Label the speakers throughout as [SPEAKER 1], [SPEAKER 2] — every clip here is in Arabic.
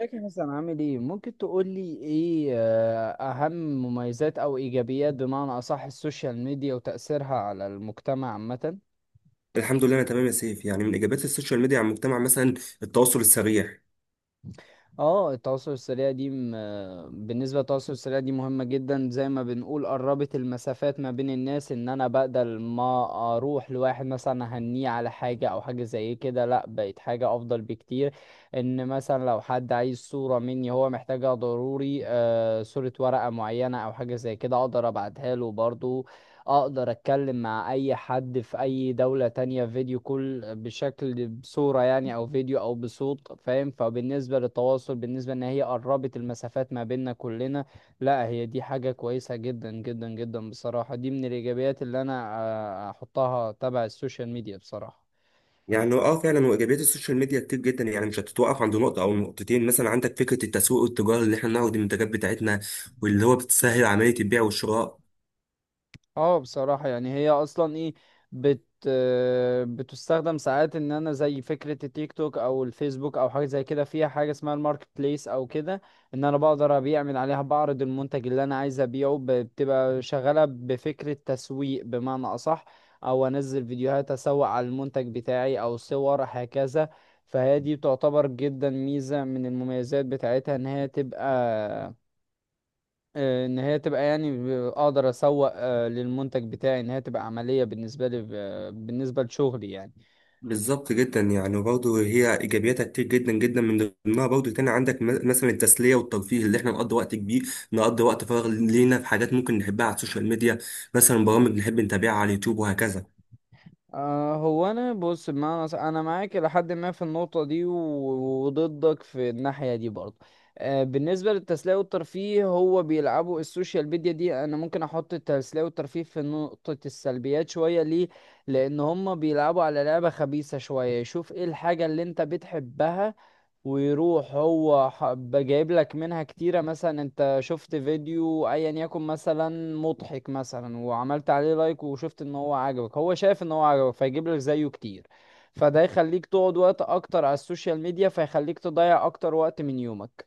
[SPEAKER 1] ازيك يا حسن؟ عامل ايه؟ ممكن تقول لي ايه اهم مميزات او ايجابيات بمعنى اصح السوشيال ميديا وتأثيرها على المجتمع عامة؟
[SPEAKER 2] الحمد لله، انا تمام يا سيف. يعني من ايجابيات السوشيال ميديا على المجتمع مثلا التواصل السريع.
[SPEAKER 1] اه، التواصل السريع دي بالنسبة للتواصل السريع دي مهمة جدا، زي ما بنقول قربت المسافات ما بين الناس، ان انا بدل ما اروح لواحد مثلا اهنيه على حاجة او حاجة زي كده، لا، بقت حاجة افضل بكتير. ان مثلا لو حد عايز صورة مني هو محتاجها ضروري، آه، صورة ورقة معينة او حاجة زي كده، اقدر ابعتها له برضو. اقدر اتكلم مع اي حد في اي دولة تانية فيديو، كل بشكل بصورة يعني او فيديو او بصوت، فاهم؟ فبالنسبة للتواصل، بالنسبة ان هي قربت المسافات ما بيننا كلنا، لا هي دي حاجة كويسة جدا جدا جدا بصراحة، دي من الايجابيات اللي انا احطها تبع السوشيال ميديا بصراحة.
[SPEAKER 2] يعني فعلا، وايجابيات السوشيال ميديا كتير جدا، يعني مش هتتوقف عند نقطه او نقطتين. مثلا عندك فكره التسويق والتجاره اللي احنا بنعرض المنتجات بتاعتنا، واللي هو بتسهل عمليه البيع والشراء.
[SPEAKER 1] اه بصراحة، يعني هي اصلا ايه، بت آه، بتستخدم ساعات. ان انا زي فكرة التيك توك او الفيسبوك او حاجة زي كده، فيها حاجة اسمها الماركت بليس او كده، ان انا بقدر ابيع من عليها، بعرض المنتج اللي انا عايز ابيعه. بتبقى شغالة بفكرة تسويق بمعنى اصح، او انزل فيديوهات اسوق على المنتج بتاعي او صور هكذا. فهي دي تعتبر جدا ميزة من المميزات بتاعتها، ان هي تبقى، ان هي تبقى يعني اقدر اسوق للمنتج بتاعي، ان هي تبقى عملية بالنسبة لي، بالنسبة لشغلي يعني.
[SPEAKER 2] بالظبط، جدا يعني. برضه هي ايجابياتها كتير جدا جدا، من ضمنها برضه تاني عندك مثلا التسليه والترفيه اللي احنا نقضي وقت فراغ لينا في حاجات ممكن نحبها على السوشيال ميديا، مثلا برامج نحب نتابعها على اليوتيوب وهكذا.
[SPEAKER 1] هو انا بص بمعنى انا معاك لحد ما في النقطة دي، وضدك في الناحية دي برضه. بالنسبة للتسلية والترفيه، هو بيلعبوا السوشيال ميديا دي، انا ممكن احط التسلية والترفيه في نقطة السلبيات شوية. ليه؟ لان هم بيلعبوا على لعبة خبيثة شوية، يشوف ايه الحاجة اللي انت بتحبها ويروح هو حب جايب لك منها كتيرة. مثلا انت شفت فيديو ايا يكن مثلا مضحك مثلا، وعملت عليه لايك، وشفت ان هو عجبك، هو شايف ان هو عجبك فيجيب لك زيه كتير. فده يخليك تقعد وقت اكتر على السوشيال ميديا، فيخليك تضيع اكتر وقت من يومك.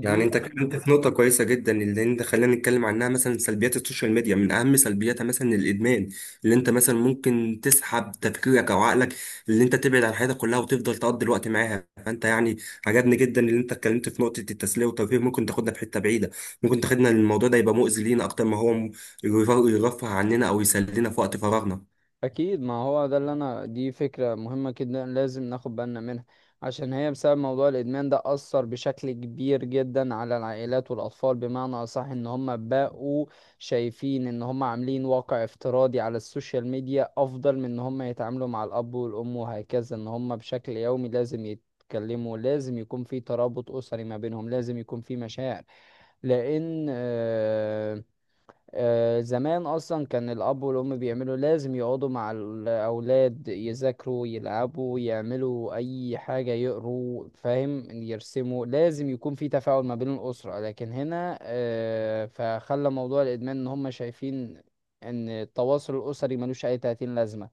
[SPEAKER 2] يعني انت اتكلمت في نقطة كويسة جدا، اللي انت خلينا نتكلم عنها، مثلا سلبيات السوشيال ميديا. من اهم سلبياتها مثلا الادمان، اللي انت مثلا ممكن تسحب تفكيرك او عقلك، اللي انت تبعد عن حياتك كلها وتفضل تقضي الوقت معاها. فانت يعني عجبني جدا اللي انت اتكلمت في نقطة التسلية والترفيه. ممكن تاخدنا في حتة بعيدة، ممكن تاخدنا الموضوع ده يبقى مؤذي لينا اكتر ما هو يرفه عننا او يسلينا في وقت فراغنا.
[SPEAKER 1] اكيد، ما هو ده اللي انا، دي فكره مهمه جدا لازم ناخد بالنا منها، عشان هي بسبب موضوع الادمان ده اثر بشكل كبير جدا على العائلات والاطفال. بمعنى اصح، ان هم بقوا شايفين ان هم عاملين واقع افتراضي على السوشيال ميديا افضل من ان هم يتعاملوا مع الاب والام وهكذا. ان هم بشكل يومي لازم يتكلموا، لازم يكون في ترابط أسري ما بينهم، لازم يكون في مشاعر، لأن زمان اصلا كان الاب والام بيعملوا، لازم يقعدوا مع الاولاد يذاكروا يلعبوا يعملوا اي حاجه يقروا، فاهم؟ يرسموا، لازم يكون في تفاعل ما بين الاسره. لكن هنا فخلى موضوع الادمان ان هم شايفين ان التواصل الاسري ملوش اي تأتين لازمه.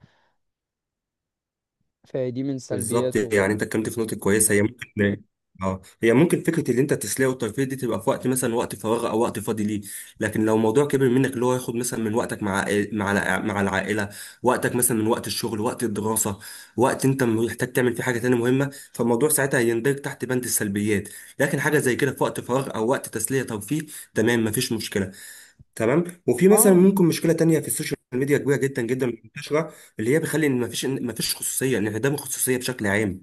[SPEAKER 1] فدي من
[SPEAKER 2] بالظبط. يعني
[SPEAKER 1] سلبياته.
[SPEAKER 2] انت اتكلمت في نقطه كويسه، هي ممكن اه هي ممكن فكره اللي انت التسليه والترفيه دي تبقى في وقت مثلا وقت فراغ او وقت فاضي ليه. لكن لو موضوع كبر منك، اللي هو ياخد مثلا من وقتك مع مع العائله، وقتك مثلا من وقت الشغل، وقت الدراسه، وقت انت محتاج تعمل فيه حاجه تانية مهمه، فالموضوع ساعتها هيندرج تحت بند السلبيات. لكن حاجه زي كده في وقت فراغ او وقت تسليه ترفيه، تمام، مفيش مشكله. تمام. وفي مثلا
[SPEAKER 1] اه،
[SPEAKER 2] ممكن مشكله تانية في السوشيال ميديا كبيره جدا جدا منتشره، اللي هي بتخلي ان مفيش إن مفيش خصوصيه، انعدام الخصوصيه بشكل عام.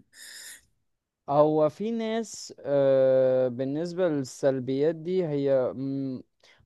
[SPEAKER 1] هو في ناس بالنسبة للسلبيات دي، هي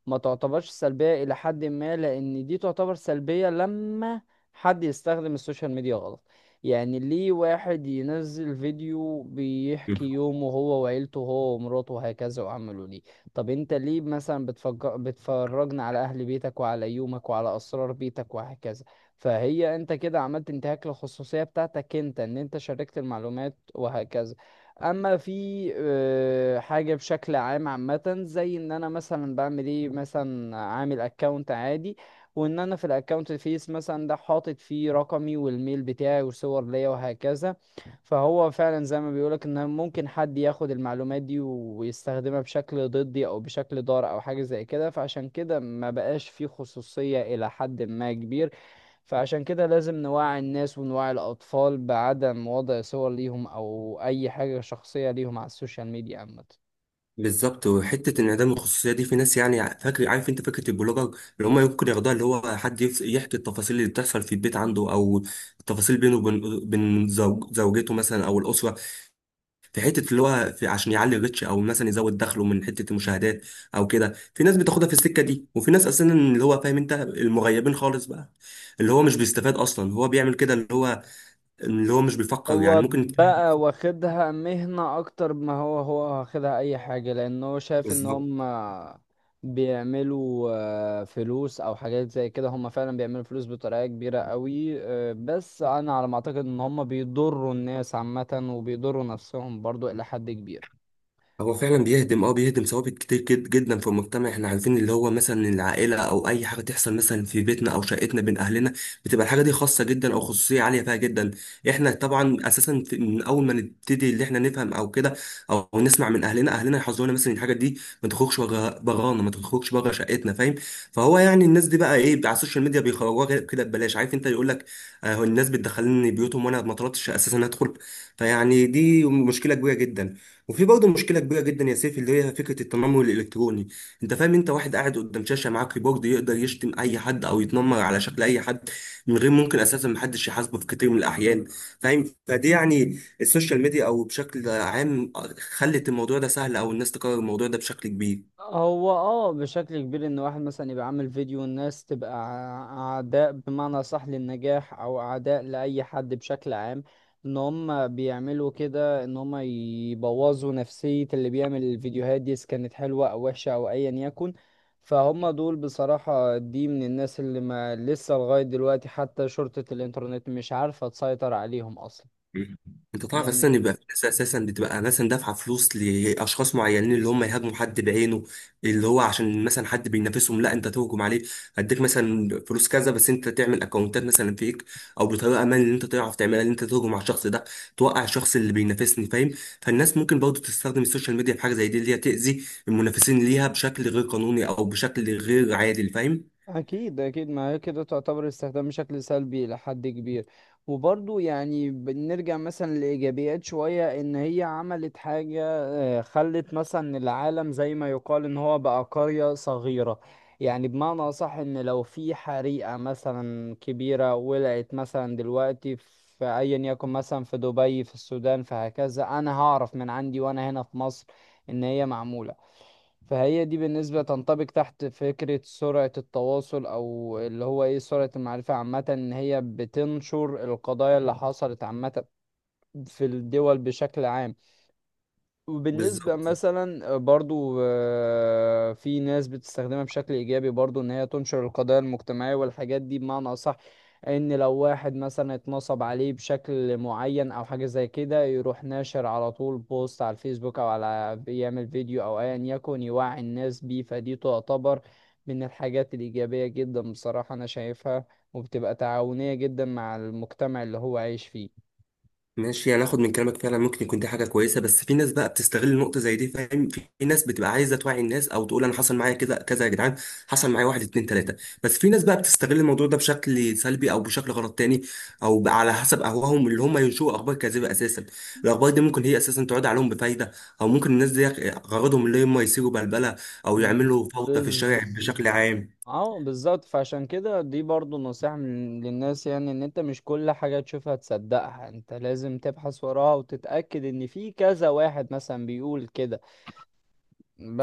[SPEAKER 1] ما تعتبرش سلبية إلى حد ما، لأن دي تعتبر سلبية لما حد يستخدم السوشيال ميديا غلط. يعني ليه واحد ينزل فيديو بيحكي
[SPEAKER 2] مم.
[SPEAKER 1] يومه هو وعيلته هو ومراته وهكذا؟ وعمله ليه؟ طب انت ليه مثلا بتفجر بتفرجنا على أهل بيتك وعلى يومك وعلى أسرار بيتك وهكذا؟ فهي انت كده عملت انتهاك للخصوصية بتاعتك انت، ان انت شاركت المعلومات وهكذا. اما في حاجه بشكل عام عامه، زي ان انا مثلا بعمل ايه مثلا، عامل اكونت عادي، وان انا في الاكونت الفيس مثلا ده حاطط فيه رقمي والميل بتاعي وصور ليا وهكذا، فهو فعلا زي ما بيقولك ان ممكن حد ياخد المعلومات دي ويستخدمها بشكل ضدي او بشكل ضار او حاجه زي كده. فعشان كده ما بقاش فيه خصوصيه الى حد ما كبير. فعشان كده لازم نوعي الناس ونوعي الأطفال بعدم وضع صور ليهم أو أي حاجة شخصية ليهم على السوشيال ميديا عامة.
[SPEAKER 2] بالظبط. وحته انعدام الخصوصيه دي في ناس يعني فاكر، عارف انت فكره البلوجر اللي هم ممكن ياخدوها، اللي هو حد يحكي التفاصيل اللي بتحصل في البيت عنده، او التفاصيل بينه وبين زوج زوجته مثلا او الاسره. في حته اللي هو في عشان يعلي الريتش، او مثلا يزود دخله من حته المشاهدات او كده. في ناس بتاخدها في السكه دي، وفي ناس اساسا اللي هو فاهم انت المغيبين خالص بقى، اللي هو مش بيستفاد اصلا هو بيعمل كده، اللي هو مش بيفكر يعني
[SPEAKER 1] هو
[SPEAKER 2] ممكن.
[SPEAKER 1] بقى واخدها مهنة أكتر ما هو، هو واخدها أي حاجة، لأن هو شايف إن
[SPEAKER 2] بالظبط.
[SPEAKER 1] هم بيعملوا فلوس أو حاجات زي كده. هم فعلا بيعملوا فلوس بطريقة كبيرة قوي، بس أنا على ما أعتقد إن هم بيضروا الناس عامة وبيضروا نفسهم برضو إلى حد كبير.
[SPEAKER 2] هو فعلا بيهدم، بيهدم ثوابت كتير جد جدا في المجتمع. احنا عارفين اللي هو مثلا العائله او اي حاجه تحصل مثلا في بيتنا او شقتنا بين اهلنا، بتبقى الحاجه دي خاصه جدا، او خصوصيه عاليه فيها جدا. احنا طبعا اساسا من اول ما نبتدي اللي احنا نفهم او كده، او نسمع من اهلنا، اهلنا يحذرونا مثلا الحاجه دي ما تخرجش بغانا، ما تخرجش بره شقتنا، فاهم؟ فهو يعني الناس دي بقى ايه على السوشيال ميديا بيخرجوها كده ببلاش، عارف انت، يقول لك الناس بتدخلني بيوتهم وانا ما طلبتش اساسا ادخل. فيعني دي مشكله كبيره جدا. وفي برضه مشكله كبيره جدا يا سيف، اللي هي فكره التنمر الالكتروني. انت فاهم، انت واحد قاعد قدام شاشه معاه كيبورد، يقدر يشتم اي حد او يتنمر على شكل اي حد من غير ممكن اساسا محدش يحاسبه في كتير من الاحيان، فاهم؟ فدي يعني السوشيال ميديا او بشكل عام خلت الموضوع ده سهل، او الناس تكرر الموضوع ده بشكل كبير.
[SPEAKER 1] هو اه بشكل كبير، ان واحد مثلا يبقى عامل فيديو والناس تبقى اعداء بمعنى صح للنجاح او اعداء لاي حد بشكل عام. ان هم بيعملوا كده ان هم يبوظوا نفسية اللي بيعمل الفيديوهات دي، اذا كانت حلوة او وحشة او ايا يكن. فهم دول بصراحة دي من الناس اللي ما لسه لغاية دلوقتي حتى شرطة الانترنت مش عارفة تسيطر عليهم اصلا.
[SPEAKER 2] مم. انت تعرف اساسا
[SPEAKER 1] لان
[SPEAKER 2] يبقى في ناس اساسا بتبقى مثلا دافعه فلوس لاشخاص معينين، اللي هم يهاجموا حد بعينه، اللي هو عشان مثلا حد بينافسهم. لا انت تهجم عليه، هديك مثلا فلوس كذا، بس انت تعمل اكونتات مثلا فيك او بطريقه ما اللي انت تعرف تعملها، اللي انت تهجم على الشخص ده، توقع الشخص اللي بينافسني، فاهم؟ فالناس ممكن برضه تستخدم السوشيال ميديا في حاجه زي دي، اللي هي تاذي المنافسين ليها بشكل غير قانوني او بشكل غير عادل، فاهم؟
[SPEAKER 1] أكيد أكيد، ما هي كده تعتبر استخدام بشكل سلبي لحد كبير. وبرضو يعني بنرجع مثلا لإيجابيات شوية، إن هي عملت حاجة خلت مثلا العالم زي ما يقال إن هو بقى قرية صغيرة. يعني بمعنى أصح، إن لو في حريقة مثلا كبيرة ولعت مثلا دلوقتي في أيا يكن مثلا، في دبي، في السودان، فهكذا أنا هعرف من عندي وأنا هنا في مصر إن هي معمولة. فهي دي بالنسبة تنطبق تحت فكرة سرعة التواصل، أو اللي هو إيه، سرعة المعرفة عامة، إن هي بتنشر القضايا اللي حصلت عامة في الدول بشكل عام. وبالنسبة
[SPEAKER 2] بالظبط.
[SPEAKER 1] مثلا برضو في ناس بتستخدمها بشكل إيجابي برضو، إن هي تنشر القضايا المجتمعية والحاجات دي بمعنى أصح. إن لو واحد مثلا اتنصب عليه بشكل معين أو حاجة زي كده، يروح ناشر على طول بوست على الفيسبوك أو على يعمل فيديو أو أيا يكن، يوعي الناس بيه. فدي تعتبر من الحاجات الإيجابية جدا بصراحة أنا شايفها، وبتبقى تعاونية جدا مع المجتمع اللي هو عايش فيه.
[SPEAKER 2] ماشي، انا اخد من كلامك، فعلا ممكن يكون دي حاجه كويسه، بس في ناس بقى بتستغل النقطه زي دي، فاهم؟ في ناس بتبقى عايزه توعي الناس او تقول انا حصل معايا كذا كذا يا جدعان، حصل معايا واحد اتنين تلاته، بس في ناس بقى بتستغل الموضوع ده بشكل سلبي او بشكل غلط تاني، او بقى على حسب اهواهم اللي هم ينشئوا اخبار كاذبه اساسا. الاخبار دي ممكن هي اساسا تعود عليهم بفايده، او ممكن الناس دي غرضهم اللي هم يثيروا بلبله او يعملوا فوضى في الشارع
[SPEAKER 1] بالظبط.
[SPEAKER 2] بشكل عام.
[SPEAKER 1] اه بالظبط، فعشان كده دي برضو نصيحة للناس، يعني ان انت مش كل حاجة تشوفها تصدقها، انت لازم تبحث وراها وتتأكد ان في كذا واحد مثلا بيقول كده،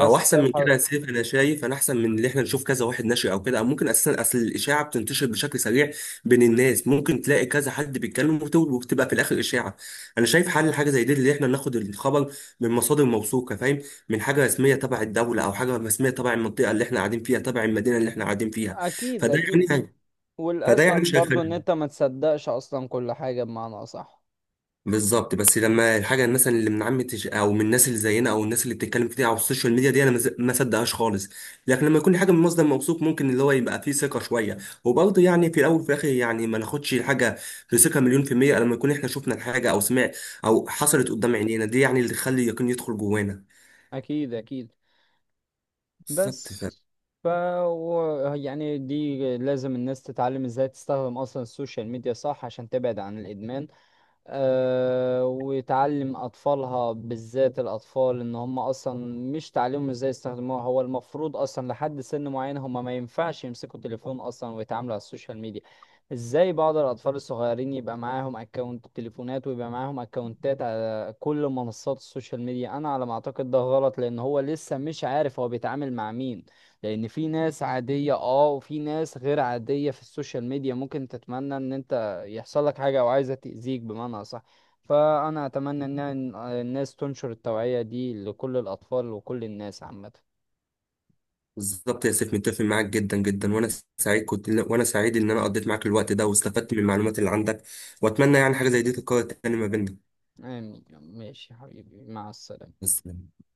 [SPEAKER 2] او احسن من
[SPEAKER 1] تبحث.
[SPEAKER 2] كده يا سيف، انا شايف انا احسن من اللي احنا نشوف كذا واحد نشري او كده، او ممكن اساسا اصل الاشاعه بتنتشر بشكل سريع بين الناس، ممكن تلاقي كذا حد بيتكلم وبتبقى في الاخر اشاعه. انا شايف حل حاجه زي دي اللي احنا ناخد الخبر من مصادر موثوقه، فاهم؟ من حاجه رسميه تبع الدوله او حاجه رسميه تبع المنطقه اللي احنا قاعدين فيها، تبع المدينه اللي احنا قاعدين فيها.
[SPEAKER 1] اكيد
[SPEAKER 2] فده
[SPEAKER 1] اكيد.
[SPEAKER 2] يعني فده يعني
[SPEAKER 1] والاسهل
[SPEAKER 2] مش
[SPEAKER 1] برضو ان
[SPEAKER 2] هيخلي.
[SPEAKER 1] انت ما تصدقش اصلا كل حاجة بمعنى اصح.
[SPEAKER 2] بالظبط. بس لما الحاجه مثلا اللي من عامه او من الناس اللي زينا او الناس اللي بتتكلم كتير على السوشيال ميديا دي، انا ما صدقهاش خالص. لكن لما يكون حاجه من مصدر موثوق، ممكن اللي هو يبقى فيه ثقه شويه. وبرضه يعني في الاول وفي الاخر يعني ما ناخدش الحاجه بثقه مليون في الميه، لما يكون احنا شفنا الحاجه او سمع او حصلت قدام عينينا، دي يعني اللي تخلي اليقين يدخل جوانا.
[SPEAKER 1] اكيد اكيد.
[SPEAKER 2] بالظبط
[SPEAKER 1] بس،
[SPEAKER 2] ف...
[SPEAKER 1] ف، يعني دي لازم الناس تتعلم ازاي تستخدم اصلا السوشيال ميديا صح عشان تبعد عن الادمان، وتعلم أطفالها، بالذات الأطفال، إن هم أصلا، مش تعلمهم إزاي يستخدموها، هو المفروض أصلا لحد سن معين هم ما ينفعش يمسكوا تليفون أصلا ويتعاملوا على السوشيال ميديا. إزاي بعض الأطفال الصغيرين يبقى معاهم أكونت تليفونات ويبقى معاهم أكونتات على كل منصات السوشيال ميديا؟ أنا على ما أعتقد ده غلط، لأن هو لسه مش عارف هو بيتعامل مع مين. لأن في ناس عادية أه وفي ناس غير عادية في السوشيال ميديا، ممكن تتمنى إن أنت يحصل لك حاجة أو عايزة تأذيك بمعنى أصح. فأنا أتمنى إن الناس تنشر التوعية دي لكل الأطفال وكل الناس عامة.
[SPEAKER 2] بالظبط يا سيف، متفق معاك جدا جدا. وانا سعيد ان انا قضيت معاك الوقت ده واستفدت من المعلومات اللي عندك، واتمنى يعني حاجه زي دي تتكرر تاني ما بيننا.
[SPEAKER 1] آمين. ماشي يا حبيبي، مع السلامة.
[SPEAKER 2] بس